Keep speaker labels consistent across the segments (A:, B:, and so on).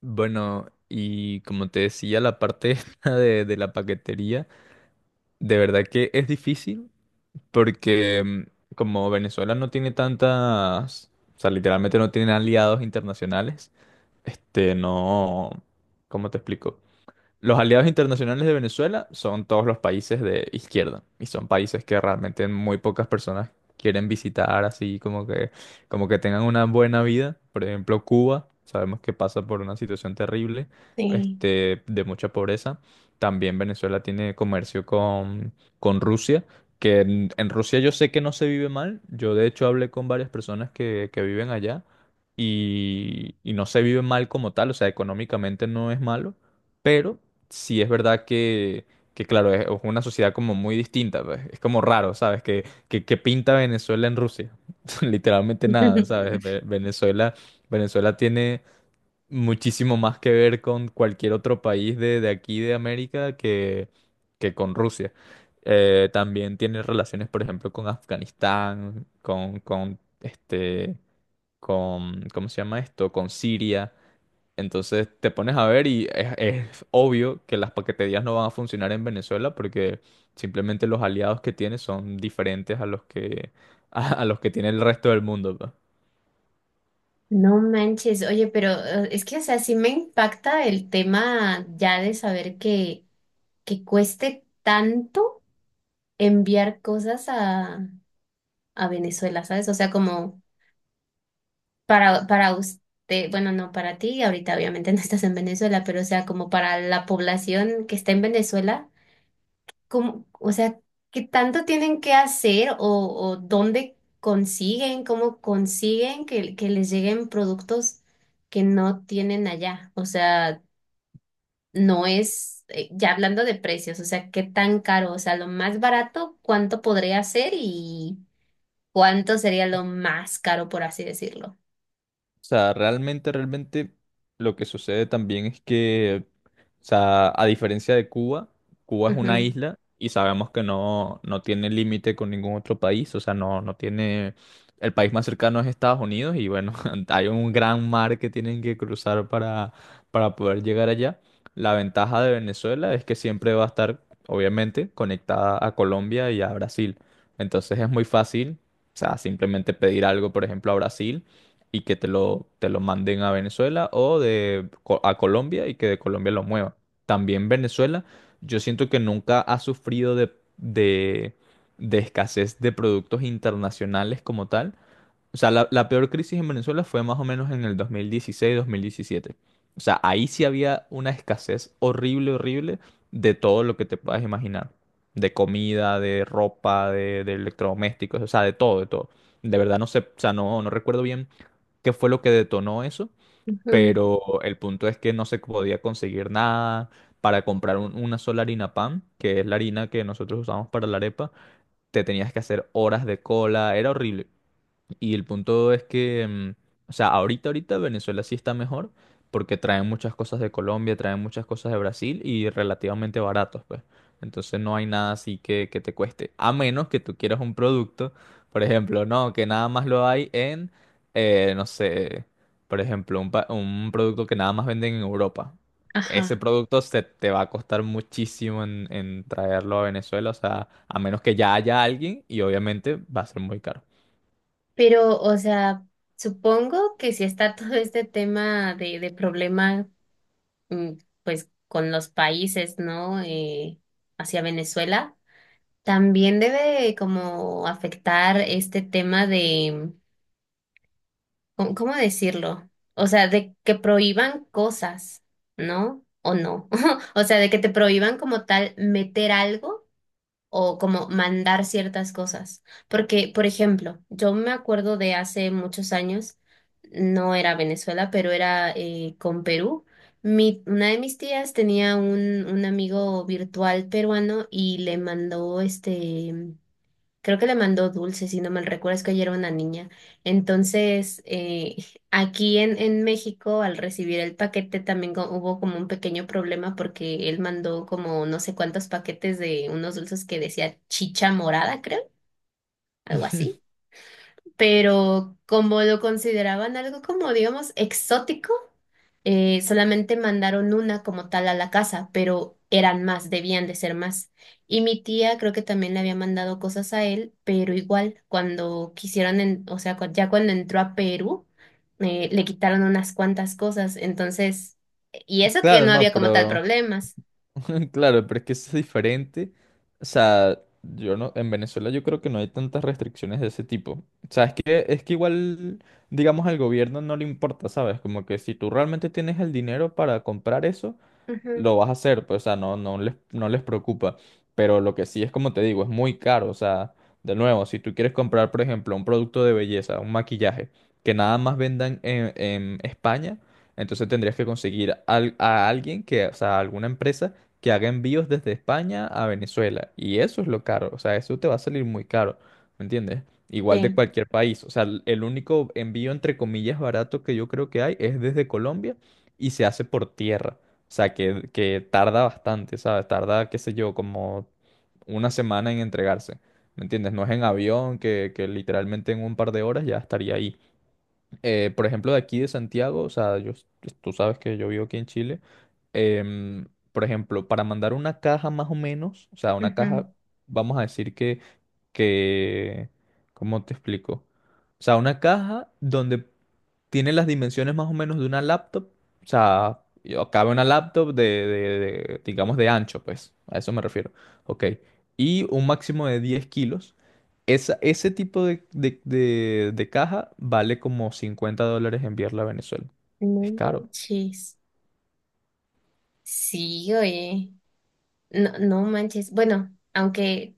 A: Bueno, y como te decía, la parte esta de la paquetería, de verdad que es difícil porque como Venezuela no tiene tantas, o sea, literalmente no tiene aliados internacionales, este, no, ¿cómo te explico? Los aliados internacionales de Venezuela son todos los países de izquierda y son países que realmente muy pocas personas quieren visitar así como que tengan una buena vida. Por ejemplo, Cuba, sabemos que pasa por una situación terrible,
B: Sí.
A: este, de mucha pobreza. También Venezuela tiene comercio con Rusia, que en Rusia yo sé que no se vive mal. Yo de hecho hablé con varias personas que viven allá y no se vive mal como tal, o sea, económicamente no es malo, pero sí es verdad que claro, es una sociedad como muy distinta, pues. Es como raro, ¿sabes? Que pinta Venezuela en Rusia. Literalmente nada, ¿sabes? Venezuela, Venezuela tiene muchísimo más que ver con cualquier otro país de aquí de América que con Rusia. También tiene relaciones, por ejemplo, con Afganistán, con este, con, ¿cómo se llama esto? Con Siria. Entonces te pones a ver y es obvio que las paqueterías no van a funcionar en Venezuela porque simplemente los aliados que tiene son diferentes a los que, a los que tiene el resto del mundo. Pues.
B: No manches, oye, pero es que, o sea, sí me impacta el tema ya de saber que cueste tanto enviar cosas a Venezuela, ¿sabes? O sea, como para usted, bueno, no para ti, ahorita obviamente no estás en Venezuela, pero o sea, como para la población que está en Venezuela, cómo- o sea, qué tanto tienen que hacer o dónde consiguen, cómo consiguen que les lleguen productos que no tienen allá. O sea, no es, ya hablando de precios, o sea, qué tan caro, o sea, lo más barato, cuánto podría ser y cuánto sería lo más caro, por así decirlo.
A: O sea, realmente, realmente lo que sucede también es que, o sea, a diferencia de Cuba, Cuba es una
B: Ujú,
A: isla y sabemos que no, no tiene límite con ningún otro país, o sea, no, no tiene, el país más cercano es Estados Unidos y bueno, hay un gran mar que tienen que cruzar para poder llegar allá. La ventaja de Venezuela es que siempre va a estar, obviamente, conectada a Colombia y a Brasil. Entonces es muy fácil, o sea, simplemente pedir algo, por ejemplo, a Brasil y que te lo manden a Venezuela o a Colombia y que de Colombia lo muevan. También Venezuela, yo siento que nunca ha sufrido de, de escasez de productos internacionales como tal. O sea, la peor crisis en Venezuela fue más o menos en el 2016-2017. O sea, ahí sí había una escasez horrible, horrible de todo lo que te puedas imaginar. De comida, de ropa, de electrodomésticos, o sea, de todo, de todo. De verdad no sé, o sea, no, no recuerdo bien qué fue lo que detonó eso,
B: ujú,
A: pero el punto es que no se podía conseguir nada. Para comprar una sola harina pan, que es la harina que nosotros usamos para la arepa, te tenías que hacer horas de cola, era horrible. Y el punto es que, o sea, ahorita, ahorita Venezuela sí está mejor porque traen muchas cosas de Colombia, traen muchas cosas de Brasil y relativamente baratos, pues. Entonces no hay nada así que te cueste. A menos que tú quieras un producto, por ejemplo, no, que nada más lo hay en, no sé, por ejemplo, un producto que nada más venden en Europa. Ese
B: ajá.
A: producto se te va a costar muchísimo en traerlo a Venezuela, o sea, a menos que ya haya alguien y obviamente va a ser muy caro.
B: Pero, o sea, supongo que si está todo este tema de problema, mm, pues con los países, ¿no? Hacia Venezuela. También debe como afectar este tema de, ¿cómo decirlo? O sea, de que prohíban cosas, ¿no? O no. O sea, de que te prohíban como tal meter algo o como mandar ciertas cosas. Porque, por ejemplo, yo me acuerdo de hace muchos años, no era Venezuela, pero era con Perú. Una de mis tías tenía un amigo virtual peruano y le mandó este. Creo que le mandó dulces, si no mal recuerdo, es que yo era una niña. Entonces, aquí en México, al recibir el paquete, también hubo como un pequeño problema porque él mandó como no sé cuántos paquetes de unos dulces que decía chicha morada, creo, algo así, pero como lo consideraban algo como, digamos, exótico, solamente mandaron una como tal a la casa, pero eran más, debían de ser más. Y mi tía creo que también le había mandado cosas a él, pero igual, cuando quisieron, ya cuando entró a Perú, le quitaron unas cuantas cosas, entonces, y eso que
A: Claro,
B: no
A: no,
B: había como tal
A: pero
B: problemas.
A: claro, pero es que es diferente. O sea, yo no, en Venezuela yo creo que no hay tantas restricciones de ese tipo. O sea, es que igual, digamos, al gobierno no le importa, ¿sabes? Como que si tú realmente tienes el dinero para comprar eso,
B: Ujú,
A: lo vas a hacer, pues, o sea, no, no les preocupa. Pero lo que sí es, como te digo, es muy caro. O sea, de nuevo, si tú quieres comprar, por ejemplo, un producto de belleza, un maquillaje, que nada más vendan en España, entonces tendrías que conseguir a alguien que, o sea, alguna empresa que haga envíos desde España a Venezuela. Y eso es lo caro. O sea, eso te va a salir muy caro. ¿Me entiendes? Igual de
B: sí,
A: cualquier país. O sea, el único envío, entre comillas, barato que yo creo que hay es desde Colombia y se hace por tierra. O sea, que tarda bastante, ¿sabes? Tarda, qué sé yo, como una semana en entregarse. ¿Me entiendes? No es en avión que literalmente en un par de horas ya estaría ahí por ejemplo, de aquí de Santiago, o sea, yo, tú sabes que yo vivo aquí en Chile, por ejemplo, para mandar una caja más o menos, o sea, una
B: ujú.
A: caja, vamos a decir que, ¿cómo te explico? O sea, una caja donde tiene las dimensiones más o menos de una laptop, o sea, cabe una laptop de, digamos, de ancho, pues, a eso me refiero, ok, y un máximo de 10 kilos. Esa, ese tipo de caja vale como 50 dólares enviarla a Venezuela. Es
B: No
A: caro.
B: manches. Sí, oye. No, no manches. Bueno, aunque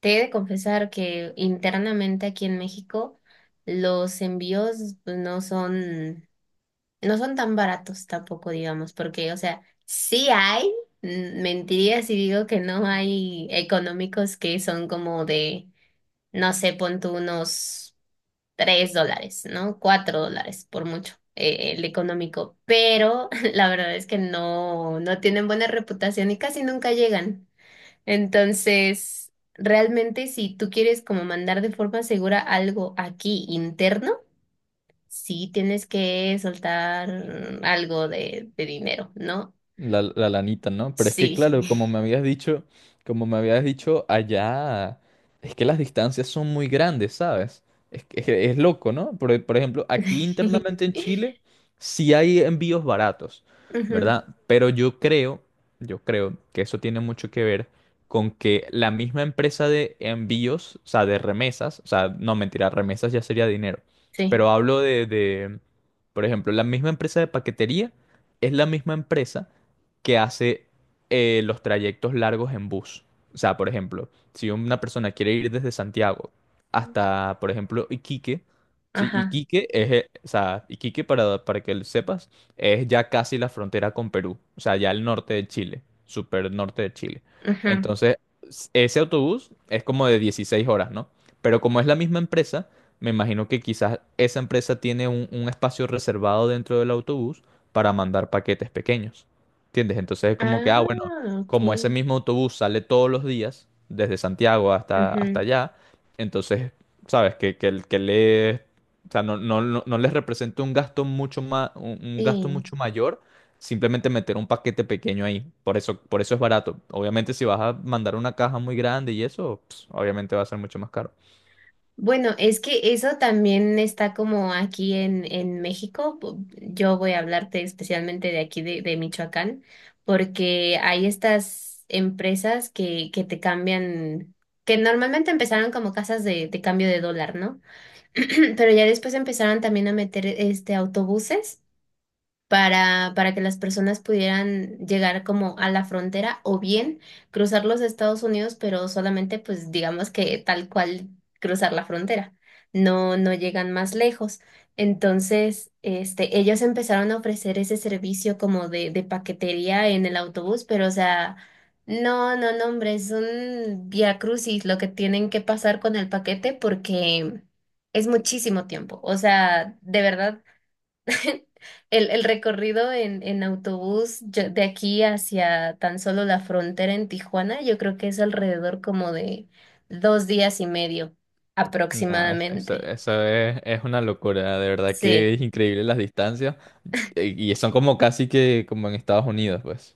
B: te he de confesar que internamente aquí en México los envíos pues, no son tan baratos tampoco, digamos, porque, o sea, sí hay, mentiría si digo que no hay económicos que son como de, no sé, pon tú unos $3, ¿no? $4 por mucho. El económico, pero la verdad es que no, no tienen buena reputación y casi nunca llegan. Entonces, realmente si tú quieres como mandar de forma segura algo aquí interno, sí tienes que soltar algo de dinero, ¿no?
A: La lanita, ¿no? Pero es que,
B: Sí.
A: claro, como me habías dicho, como me habías dicho, allá es que las distancias son muy grandes, ¿sabes? Es, es, que es loco, ¿no? Por ejemplo, aquí internamente en Chile sí hay envíos baratos,
B: Ujú,
A: ¿verdad? Pero yo creo que eso tiene mucho que ver con que la misma empresa de envíos, o sea, de remesas, o sea, no mentira, remesas ya sería dinero,
B: sí.
A: pero hablo de, por ejemplo, la misma empresa de paquetería es la misma empresa que hace los trayectos largos en bus. O sea, por ejemplo, si una persona quiere ir desde Santiago hasta, por ejemplo, Iquique, sí,
B: Ajá.
A: Iquique es, o sea, Iquique para que lo sepas, es ya casi la frontera con Perú, o sea, ya el norte de Chile, super norte de Chile.
B: Ajá.
A: Entonces, ese autobús es como de 16 horas, ¿no? Pero como es la misma empresa, me imagino que quizás esa empresa tiene un espacio reservado dentro del autobús para mandar paquetes pequeños. ¿Entiendes? Entonces es como que, ah, bueno,
B: Ah, ok.
A: como ese mismo autobús sale todos los días, desde Santiago hasta, hasta
B: Ujú,
A: allá, entonces, ¿sabes? Que, que le, o sea, no, no, no, no les representa un gasto mucho más, un gasto
B: sí.
A: mucho mayor simplemente meter un paquete pequeño ahí. Por eso es barato. Obviamente, si vas a mandar una caja muy grande y eso, pues, obviamente va a ser mucho más caro.
B: Bueno, es que eso también está como aquí en México. Yo voy a hablarte especialmente de aquí de Michoacán, porque hay estas empresas que te cambian, que normalmente empezaron como casas de cambio de dólar, ¿no? Pero ya después empezaron también a meter este autobuses para que las personas pudieran llegar como a la frontera o bien cruzar los Estados Unidos, pero solamente pues digamos que tal cual cruzar la frontera. No, no llegan más lejos. Entonces, este, ellos empezaron a ofrecer ese servicio como de paquetería en el autobús, pero o sea, no, no, no, hombre, es un vía crucis lo que tienen que pasar con el paquete porque es muchísimo tiempo. O sea, de verdad. El recorrido en autobús de aquí hacia tan solo la frontera en Tijuana, yo creo que es alrededor como de 2 días y medio
A: Nada, eso,
B: aproximadamente.
A: eso es una locura, de verdad
B: Sí.
A: que es increíble las distancias. Y son como casi que como en Estados Unidos, pues.